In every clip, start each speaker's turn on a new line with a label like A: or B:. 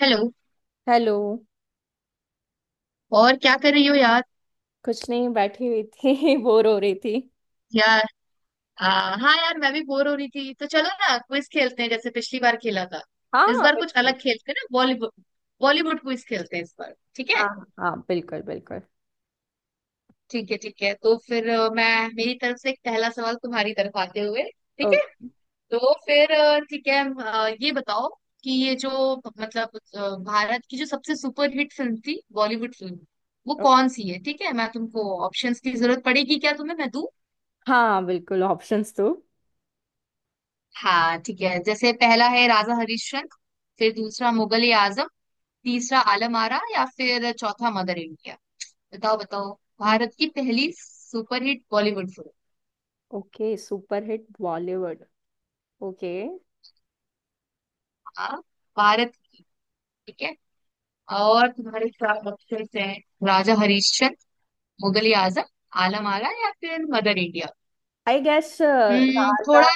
A: Hello.
B: Hello.
A: और क्या कर रही हो यार।
B: कुछ नहीं बैठी हुई थी बोर हो रही थी।
A: यार। आ, हाँ यार, मैं भी बोर हो रही थी, तो चलो ना, क्विज खेलते हैं जैसे पिछली बार खेला था। इस
B: हाँ
A: बार कुछ
B: बिल्कुल।
A: अलग खेलते हैं ना, बॉलीवुड। बॉलीवुड क्विज खेलते हैं इस बार, ठीक है।
B: हाँ हाँ बिल्कुल बिल्कुल।
A: ठीक है ठीक है, तो फिर मैं मेरी तरफ से एक पहला सवाल तुम्हारी तरफ आते हुए।
B: ओ,
A: ठीक है। तो फिर ठीक है, ये बताओ कि ये जो भारत की जो सबसे सुपरहिट फिल्म थी, बॉलीवुड फिल्म, वो
B: ओ,
A: कौन सी है। ठीक है, मैं तुमको ऑप्शंस की जरूरत पड़ेगी क्या तुम्हें, मैं दूं।
B: हाँ बिल्कुल ऑप्शंस तो।
A: हाँ, ठीक है। जैसे पहला है राजा हरिश्चंद्र, फिर दूसरा मुगल आजम, तीसरा आलम आरा, या फिर चौथा मदर इंडिया। बताओ बताओ, भारत की पहली सुपरहिट बॉलीवुड फिल्म।
B: Okay super hit Bollywood. Okay
A: हाँ, भारत की। ठीक है। और तुम्हारे चार ऑप्शन हैं। राजा हरिश्चंद्र, मुगल आजम, आलम आरा, या फिर mother India.
B: I guess
A: hmm,
B: Raja
A: थोड़ा।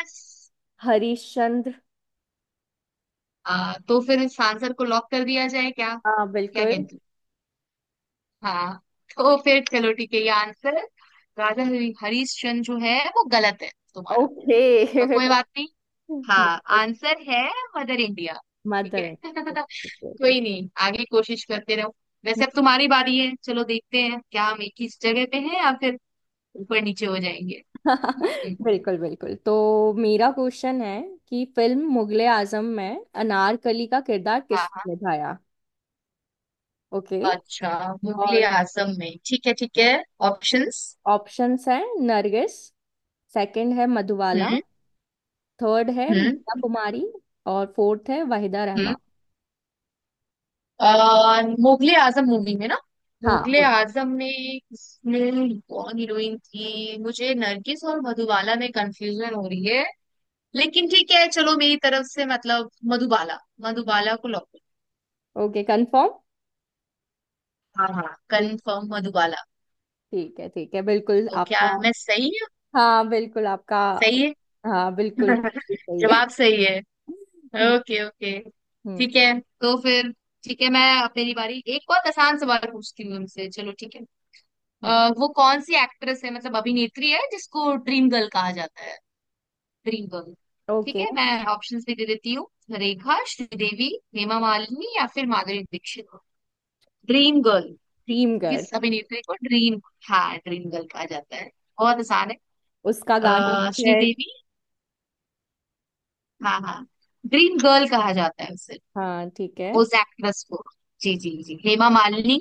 B: हरिश्चंद्र।
A: तो फिर इस आंसर को लॉक कर दिया जाए क्या,
B: हाँ
A: क्या
B: बिल्कुल।
A: कहते हो। हाँ, तो फिर चलो, ठीक है ये आंसर। हरीश चंद्र जो है वो गलत है तुम्हारा।
B: ओके
A: तो कोई बात नहीं। हाँ, आंसर है मदर इंडिया। ठीक
B: मदर
A: है कोई नहीं, आगे कोशिश करते रहो। वैसे अब तुम्हारी बारी है, चलो देखते हैं क्या हम एक ही जगह पे हैं या फिर ऊपर नीचे हो जाएंगे। हम्म,
B: बिल्कुल बिल्कुल तो मेरा क्वेश्चन है कि फिल्म मुगले आजम में अनारकली का किरदार
A: हाँ हाँ।
B: किसने निभाया। ओके
A: अच्छा, मुगले
B: और
A: आजम में, ठीक है ठीक है। ऑप्शंस।
B: ऑप्शंस हैं नरगिस। सेकंड है मधुबाला।
A: हम्म
B: थर्ड है मीना
A: हम्म
B: कुमारी। और फोर्थ है वाहिदा
A: हम्म।
B: रहमान।
A: मुगले आजम मूवी में ना,
B: हाँ
A: मुगले आजम में इसमें कौन हीरोइन थी, मुझे नरगिस और मधुबाला में कंफ्यूजन हो रही है। लेकिन ठीक है, चलो मेरी तरफ से मतलब मधुबाला, मधुबाला को लॉक।
B: Okay confirm.
A: हाँ हाँ, कंफर्म मधुबाला।
B: ठीक है बिल्कुल
A: तो क्या
B: आपका।
A: मैं सही हूँ।
B: हाँ बिल्कुल आपका।
A: सही है।
B: हाँ बिल्कुल बिल्कुल सही है।
A: जवाब सही है। Okay okay.
B: हम्म
A: ठीक है तो फिर, ठीक है, मैं अब मेरी बारी एक बहुत आसान सवाल पूछती हूँ उनसे, चलो ठीक है।
B: हम्म।
A: अ, वो कौन सी एक्ट्रेस है, मतलब अभिनेत्री है, जिसको ड्रीम गर्ल कहा जाता है। Dream girl. ठीक
B: ओके
A: है, मैं ऑप्शंस भी दे देती हूँ। रेखा, श्रीदेवी, हेमा मालिनी, या फिर Madhuri Dixit. Dream girl,
B: dream girl
A: किस अभिनेत्री को ड्रीम, हाँ ड्रीम गर्ल कहा जाता है। बहुत आसान है।
B: उसका गाना भी है।
A: श्रीदेवी, हाँ हाँ, ड्रीम गर्ल कहा जाता है उसे,
B: हाँ ठीक है।
A: उस एक्ट्रेस को। जी जी जी, हेमा मालिनी,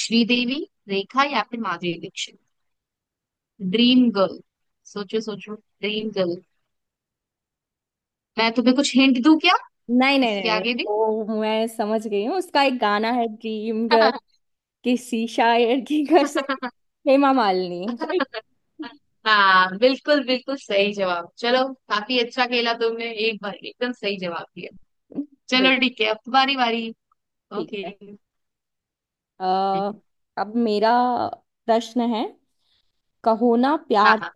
A: श्रीदेवी, रेखा, या फिर माधुरी दीक्षित। ड्रीम गर्ल, सोचो सोचो ड्रीम गर्ल। मैं तुम्हें कुछ हिंट दूं क्या,
B: नहीं नहीं
A: उसके
B: नहीं नहीं,
A: आगे भी।
B: ओ मैं समझ गई हूँ उसका एक गाना है ड्रीम गर्ल किसी शायर की कसम। हेमा मालिनी राइट।
A: हाँ बिल्कुल बिल्कुल, सही जवाब। चलो, काफी अच्छा खेला तुमने, एक बार एकदम सही जवाब दिया।
B: बिल्कुल।
A: चलो ठीक है, अब तुम्हारी बारी।
B: ठीक
A: ओके।
B: है। अ, अब मेरा प्रश्न है कहो ना
A: हाँ
B: प्यार
A: हाँ।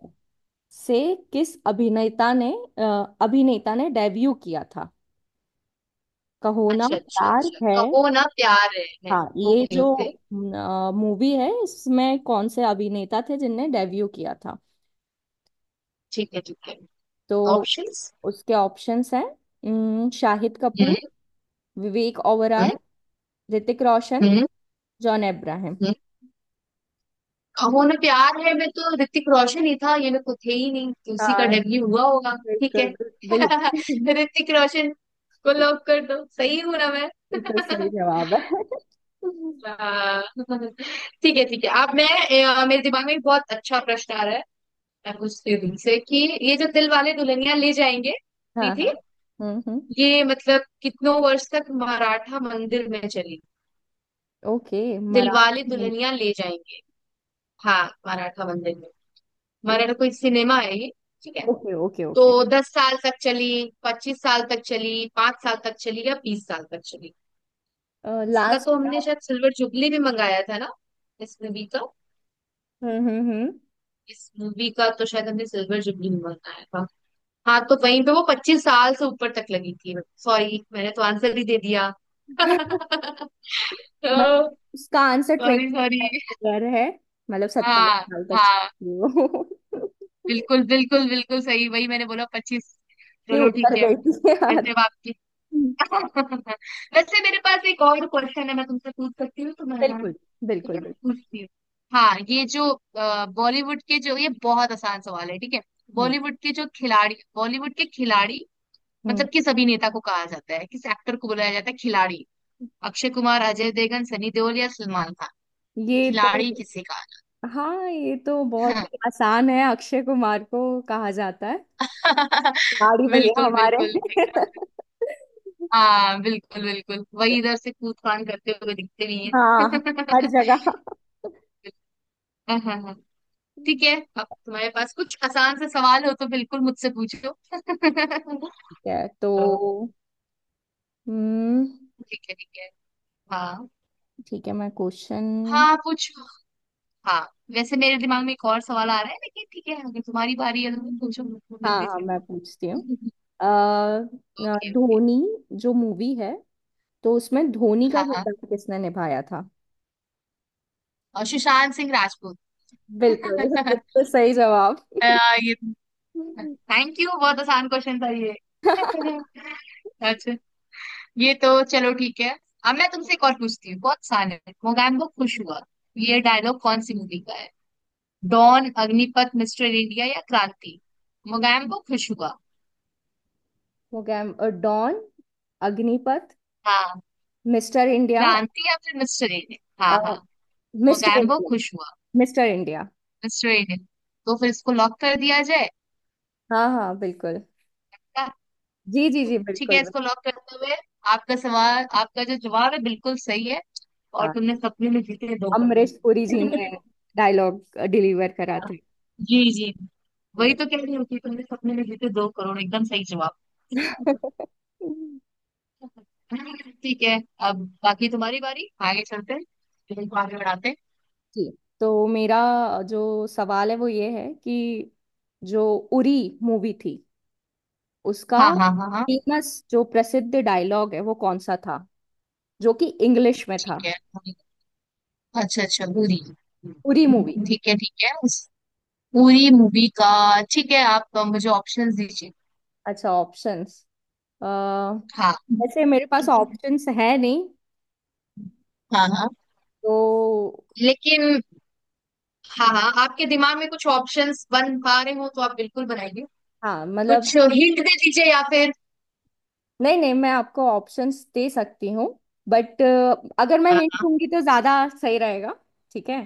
B: से किस अभिनेता ने अ, अभिनेता ने डेब्यू किया था कहो ना
A: अच्छा अच्छा
B: प्यार
A: अच्छा,
B: है।
A: कहो ना प्यार है।
B: हाँ ये
A: ओके
B: जो
A: ओके,
B: मूवी है इसमें कौन से अभिनेता थे जिनने डेब्यू किया था।
A: ठीक है ठीक है।
B: तो
A: ऑप्शंस।
B: उसके ऑप्शंस हैं शाहिद
A: हम्म
B: कपूर। विवेक ओबराय।
A: हम्म
B: ऋतिक रोशन।
A: हम्म।
B: जॉन अब्राहम।
A: खबों में प्यार है, मैं तो ऋतिक रोशन ही था, ये मेरे को थे ही नहीं, तो उसी का
B: हाँ
A: डेब्यू हुआ होगा। ठीक है
B: बिल्कुल। बिल्कुल
A: ऋतिक रोशन को लॉक कर दो, सही हूं ना मैं।
B: बिल्कुल सही जवाब है।
A: हाँ। ठीक है ठीक है, आप मैं, मेरे दिमाग में एक बहुत अच्छा प्रश्न आ रहा है। मैं पूछती हूँ तुमसे कि ये जो दिल वाले दुल्हनिया ले जाएंगे भी
B: हाँ
A: थी,
B: हाँ। हम्म।
A: ये मतलब कितनों वर्ष तक मराठा मंदिर में चली।
B: ओके
A: दिल वाले
B: मराठी।
A: दुल्हनिया ले जाएंगे, हाँ मराठा मंदिर में, मराठा कोई सिनेमा है ये, ठीक है।
B: Okay okay okay.
A: तो दस साल तक चली, पच्चीस साल तक चली, पांच साल तक चली, या बीस साल तक चली। इसका
B: लास्ट।
A: तो हमने शायद सिल्वर जुबली भी मंगाया था ना इस मूवी का,
B: हम्म।
A: इस मूवी का तो शायद हमने सिल्वर जुबली भी मंगाया था। हाँ, तो वहीं पे वो पच्चीस साल से ऊपर तक लगी थी। सॉरी, मैंने तो आंसर ही दे दिया। तो
B: मतलब उसका answer twenty
A: sorry sorry,
B: year है। मतलब सत्ताईस
A: हाँ
B: साल तक
A: हाँ,
B: चलती है वो
A: बिल्कुल बिल्कुल बिल्कुल सही, वही मैंने बोला पच्चीस।
B: ये
A: चलो
B: ऊपर
A: ठीक है।
B: गई थी यार।
A: वैसे अब आपकी।
B: हम्म,
A: वैसे मेरे पास एक और क्वेश्चन है, मैं तुमसे पूछ सकती हूँ तो, मैं हाँ।
B: बिल्कुल
A: ठीक
B: बिल्कुल
A: है मैं
B: बिल्कुल।
A: पूछती हूँ। हाँ, ये जो बॉलीवुड के जो, ये बहुत आसान सवाल है ठीक है।
B: हम्म
A: बॉलीवुड के जो खिलाड़ी, बॉलीवुड के खिलाड़ी,
B: हम्म।
A: मतलब किस अभिनेता को कहा जाता है, किस एक्टर को बुलाया जाता है खिलाड़ी। अक्षय कुमार, अजय देवगन, सनी देओल, या सलमान खान।
B: ये तो।
A: खिलाड़ी किसे कहा।
B: हाँ ये तो बहुत ही आसान है अक्षय कुमार को कहा जाता है
A: हाँ।
B: लाड़ी भैया
A: बिल्कुल
B: हमारे।
A: बिल्कुल एकदम, हाँ बिल्कुल बिल्कुल, वही इधर से कूद फान करते हुए दिखते भी हैं।
B: हाँ हर जगह।
A: हाँ हाँ हाँ।
B: ठीक
A: ठीक है, अब तुम्हारे पास कुछ आसान से सवाल हो तो बिल्कुल मुझसे पूछो।
B: है तो
A: तो
B: हम्म।
A: ठीक है ठीक है। हाँ
B: ठीक है मैं क्वेश्चन।
A: हाँ पूछो, हाँ वैसे मेरे दिमाग में एक और सवाल आ रहा है, लेकिन ठीक है, अगर तुम्हारी बारी है तो तुम पूछो मुझको
B: हाँ
A: जल्दी
B: हाँ
A: से।
B: मैं पूछती हूँ।
A: Okay okay.
B: धोनी जो मूवी है तो उसमें धोनी का
A: हाँ हाँ,
B: किरदार किसने निभाया था।
A: और सुशांत सिंह राजपूत।
B: बिल्कुल। बिल्कुल सही जवाब।
A: अ, ये, थैंक यू, बहुत आसान क्वेश्चन था ये। अच्छा, ये तो चलो ठीक है, अब मैं तुमसे एक और पूछती हूँ, बहुत आसान है। मोगैम्बो खुश हुआ, ये डायलॉग कौन सी मूवी का। डॉन, अग्निपथ, मिस्टर इंडिया, या क्रांति। मोगैम्बो खुश हुआ।
B: हो गया डॉन अग्निपथ
A: हाँ,
B: मिस्टर इंडिया।
A: क्रांति या फिर मिस्टर इंडिया, हाँ
B: अ,
A: हाँ।
B: Mister
A: Mogambo
B: India.
A: खुश हुआ,
B: मिस्टर इंडिया।
A: Mister India. तो फिर इसको लॉक कर दिया जाए
B: हाँ हाँ बिल्कुल।
A: क्या?
B: जी जी जी
A: तो ठीक है,
B: बिल्कुल।
A: इसको लॉक करते हुए, आपका सवाल, आपका जो जवाब है बिल्कुल सही है। और
B: हाँ
A: तुमने सपने में जीते 2 करोड़।
B: अमरीश पुरी जी ने डायलॉग डिलीवर करा था
A: जी जी, वही
B: बट-
A: तो कह रही हूँ कि तुमने सपने में जीते दो करोड़, एकदम सही जवाब। ठीक है, अब बाकी तुम्हारी बारी, आगे चलते हैं, फिल्म को आगे बढ़ाते हैं।
B: जी तो मेरा जो सवाल है वो ये है कि जो उरी मूवी थी उसका
A: हाँ हाँ हाँ हाँ।
B: फेमस जो प्रसिद्ध डायलॉग है वो कौन सा था जो कि इंग्लिश में था।
A: ठीक है पूरी, अच्छा अच्छा पूरी,
B: उरी मूवी।
A: ठीक है उस पूरी मूवी का। ठीक है, आप मुझे ऑप्शंस दीजिए।
B: अच्छा ऑप्शंस
A: हाँ
B: वैसे मेरे पास ऑप्शंस है नहीं।
A: हाँ। हाँ,
B: तो
A: लेकिन, हाँ हाँ आपके दिमाग में कुछ ऑप्शंस बन पा रहे हो तो आप बिल्कुल बनाइए,
B: हाँ मतलब
A: कुछ हिंट दे दीजिए या फिर।
B: नहीं नहीं मैं आपको ऑप्शंस दे सकती हूँ बट अगर मैं
A: हाँ
B: हिंट
A: हाँ,
B: दूंगी तो ज्यादा सही रहेगा। ठीक है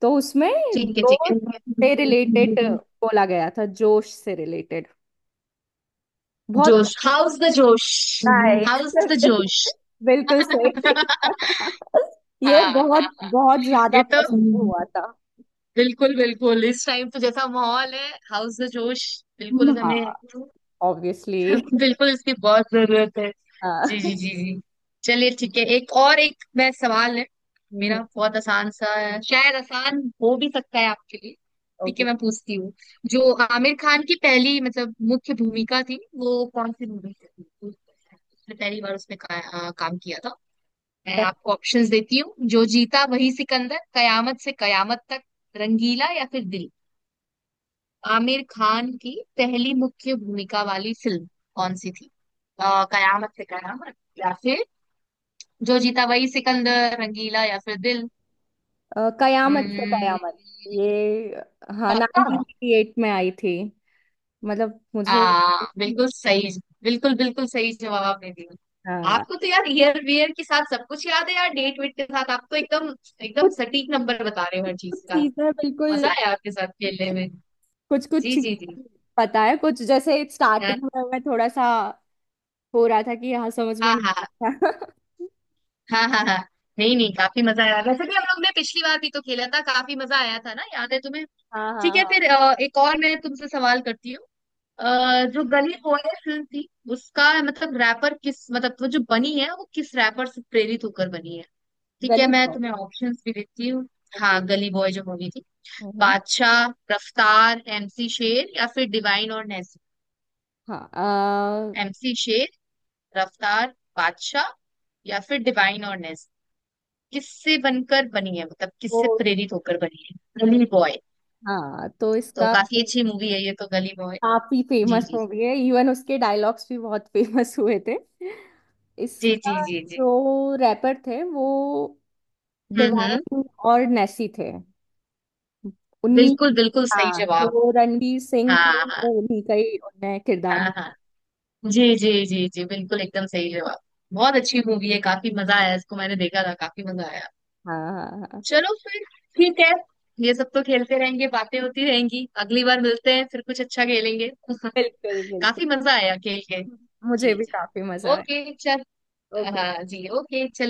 B: तो उसमें
A: ठीक है ठीक है।
B: जोश से रिलेटेड बोला गया था जोश से रिलेटेड बहुत।
A: जोश, how's the josh.
B: Right
A: how's the जोश।
B: बिल्कुल सही। ये
A: हाँ हाँ,
B: बहुत बहुत
A: ये
B: ज्यादा
A: तो
B: प्रसिद्ध हुआ था।
A: बिल्कुल बिल्कुल, इस टाइम तो जैसा माहौल है, हाउस द जोश, बिल्कुल हमें।
B: हाँ ऑब्वियसली।
A: बिल्कुल इसकी बहुत जरूरत है, जी जी जी जी। चलिए ठीक है, एक और एक मैं सवाल है, मेरा बहुत आसान सा है, शायद आसान हो भी सकता है आपके लिए। ठीक है
B: ओके
A: मैं पूछती हूँ, जो आमिर खान की पहली मतलब मुख्य भूमिका थी, वो कौन सी मूवी थी, तो उसने पहली बार उसने काम किया था। मैं आपको ऑप्शंस देती हूँ। जो जीता वही सिकंदर, कयामत से कयामत तक, रंगीला, या फिर दिल। आमिर खान की पहली मुख्य भूमिका वाली फिल्म कौन सी थी, कयामत से कयामत, या फिर जो जीता वही सिकंदर, रंगीला, या फिर दिल।
B: कयामत से
A: हम्म,
B: कयामत ये। हाँ
A: पक्का।
B: 1988 में आई थी। मतलब मुझे।
A: बिल्कुल सही, बिल्कुल बिल्कुल सही जवाब आपने दिया।
B: हाँ
A: आपको तो यार ईयर वियर के साथ सब कुछ याद है यार, डेट वेट के साथ आप तो एकदम, एकदम
B: कुछ
A: सटीक नंबर बता रहे हो हर
B: कुछ
A: चीज का।
B: चीजें
A: मजा
B: बिल्कुल।
A: आया आपके साथ खेलने में।
B: कुछ कुछ
A: जी जी जी।
B: चीजें पता है कुछ जैसे
A: हाँ
B: स्टार्टिंग में मैं थोड़ा सा हो रहा था कि हाँ समझ में
A: हाँ
B: नहीं
A: हाँ
B: आ रहा था
A: हाँ हाँ हाँ। नहीं नहीं, काफी मजा आया, वैसे भी हम लोग ने पिछली बार भी तो खेला था, काफी मजा आया था ना, याद है तुम्हें।
B: हाँ हाँ
A: ठीक है,
B: हाँ।
A: फिर एक और मैं तुमसे सवाल करती हूँ। जो गली बॉय फिल्म थी, उसका मतलब रैपर किस, मतलब वो जो बनी है वो किस रैपर से प्रेरित होकर बनी है। ठीक है,
B: गली
A: मैं
B: पाव।
A: तुम्हें ऑप्शंस भी देती हूँ।
B: ओके।
A: हाँ, गली बॉय जो मूवी थी।
B: हम्म।
A: बादशाह, रफ्तार, एमसी शेर, या फिर डिवाइन और नेस्ली।
B: हाँ।
A: एमसी शेर, रफ्तार, बादशाह, या फिर डिवाइन और नेस्ली, किससे बनकर बनी है, मतलब
B: तो
A: किससे प्रेरित होकर बनी है गली बॉय।
B: हाँ तो
A: तो
B: इसका
A: काफी
B: जो
A: अच्छी मूवी है ये तो, गली बॉय।
B: काफी
A: जी
B: फेमस
A: जी
B: मूवी है इवन उसके डायलॉग्स भी बहुत फेमस हुए थे।
A: जी जी।
B: इसका
A: जी जी
B: जो रैपर थे वो
A: हम्म।
B: डिवाइन और नेसी थे। उन्हीं।
A: बिल्कुल बिल्कुल सही
B: हाँ
A: जवाब।
B: तो रणवीर सिंह
A: हाँ
B: थे
A: हाँ
B: वो उन्हीं का ही उनने किरदार
A: हाँ
B: ढूंढा।
A: हाँ। जी जी जी जी, बिल्कुल एकदम सही जवाब। बहुत अच्छी मूवी है, काफी मजा आया, इसको मैंने देखा था, काफी मजा आया।
B: हाँ हाँ हाँ
A: चलो फिर, ठीक है, ये सब तो खेलते रहेंगे, बातें होती रहेंगी, अगली बार मिलते हैं फिर, कुछ अच्छा खेलेंगे।
B: बिल्कुल बिल्कुल।
A: काफी मजा आया खेल के।
B: मुझे
A: जी
B: भी
A: जी।
B: काफी मजा आया।
A: ओके चल।
B: ओके।
A: हाँ जी, ओके।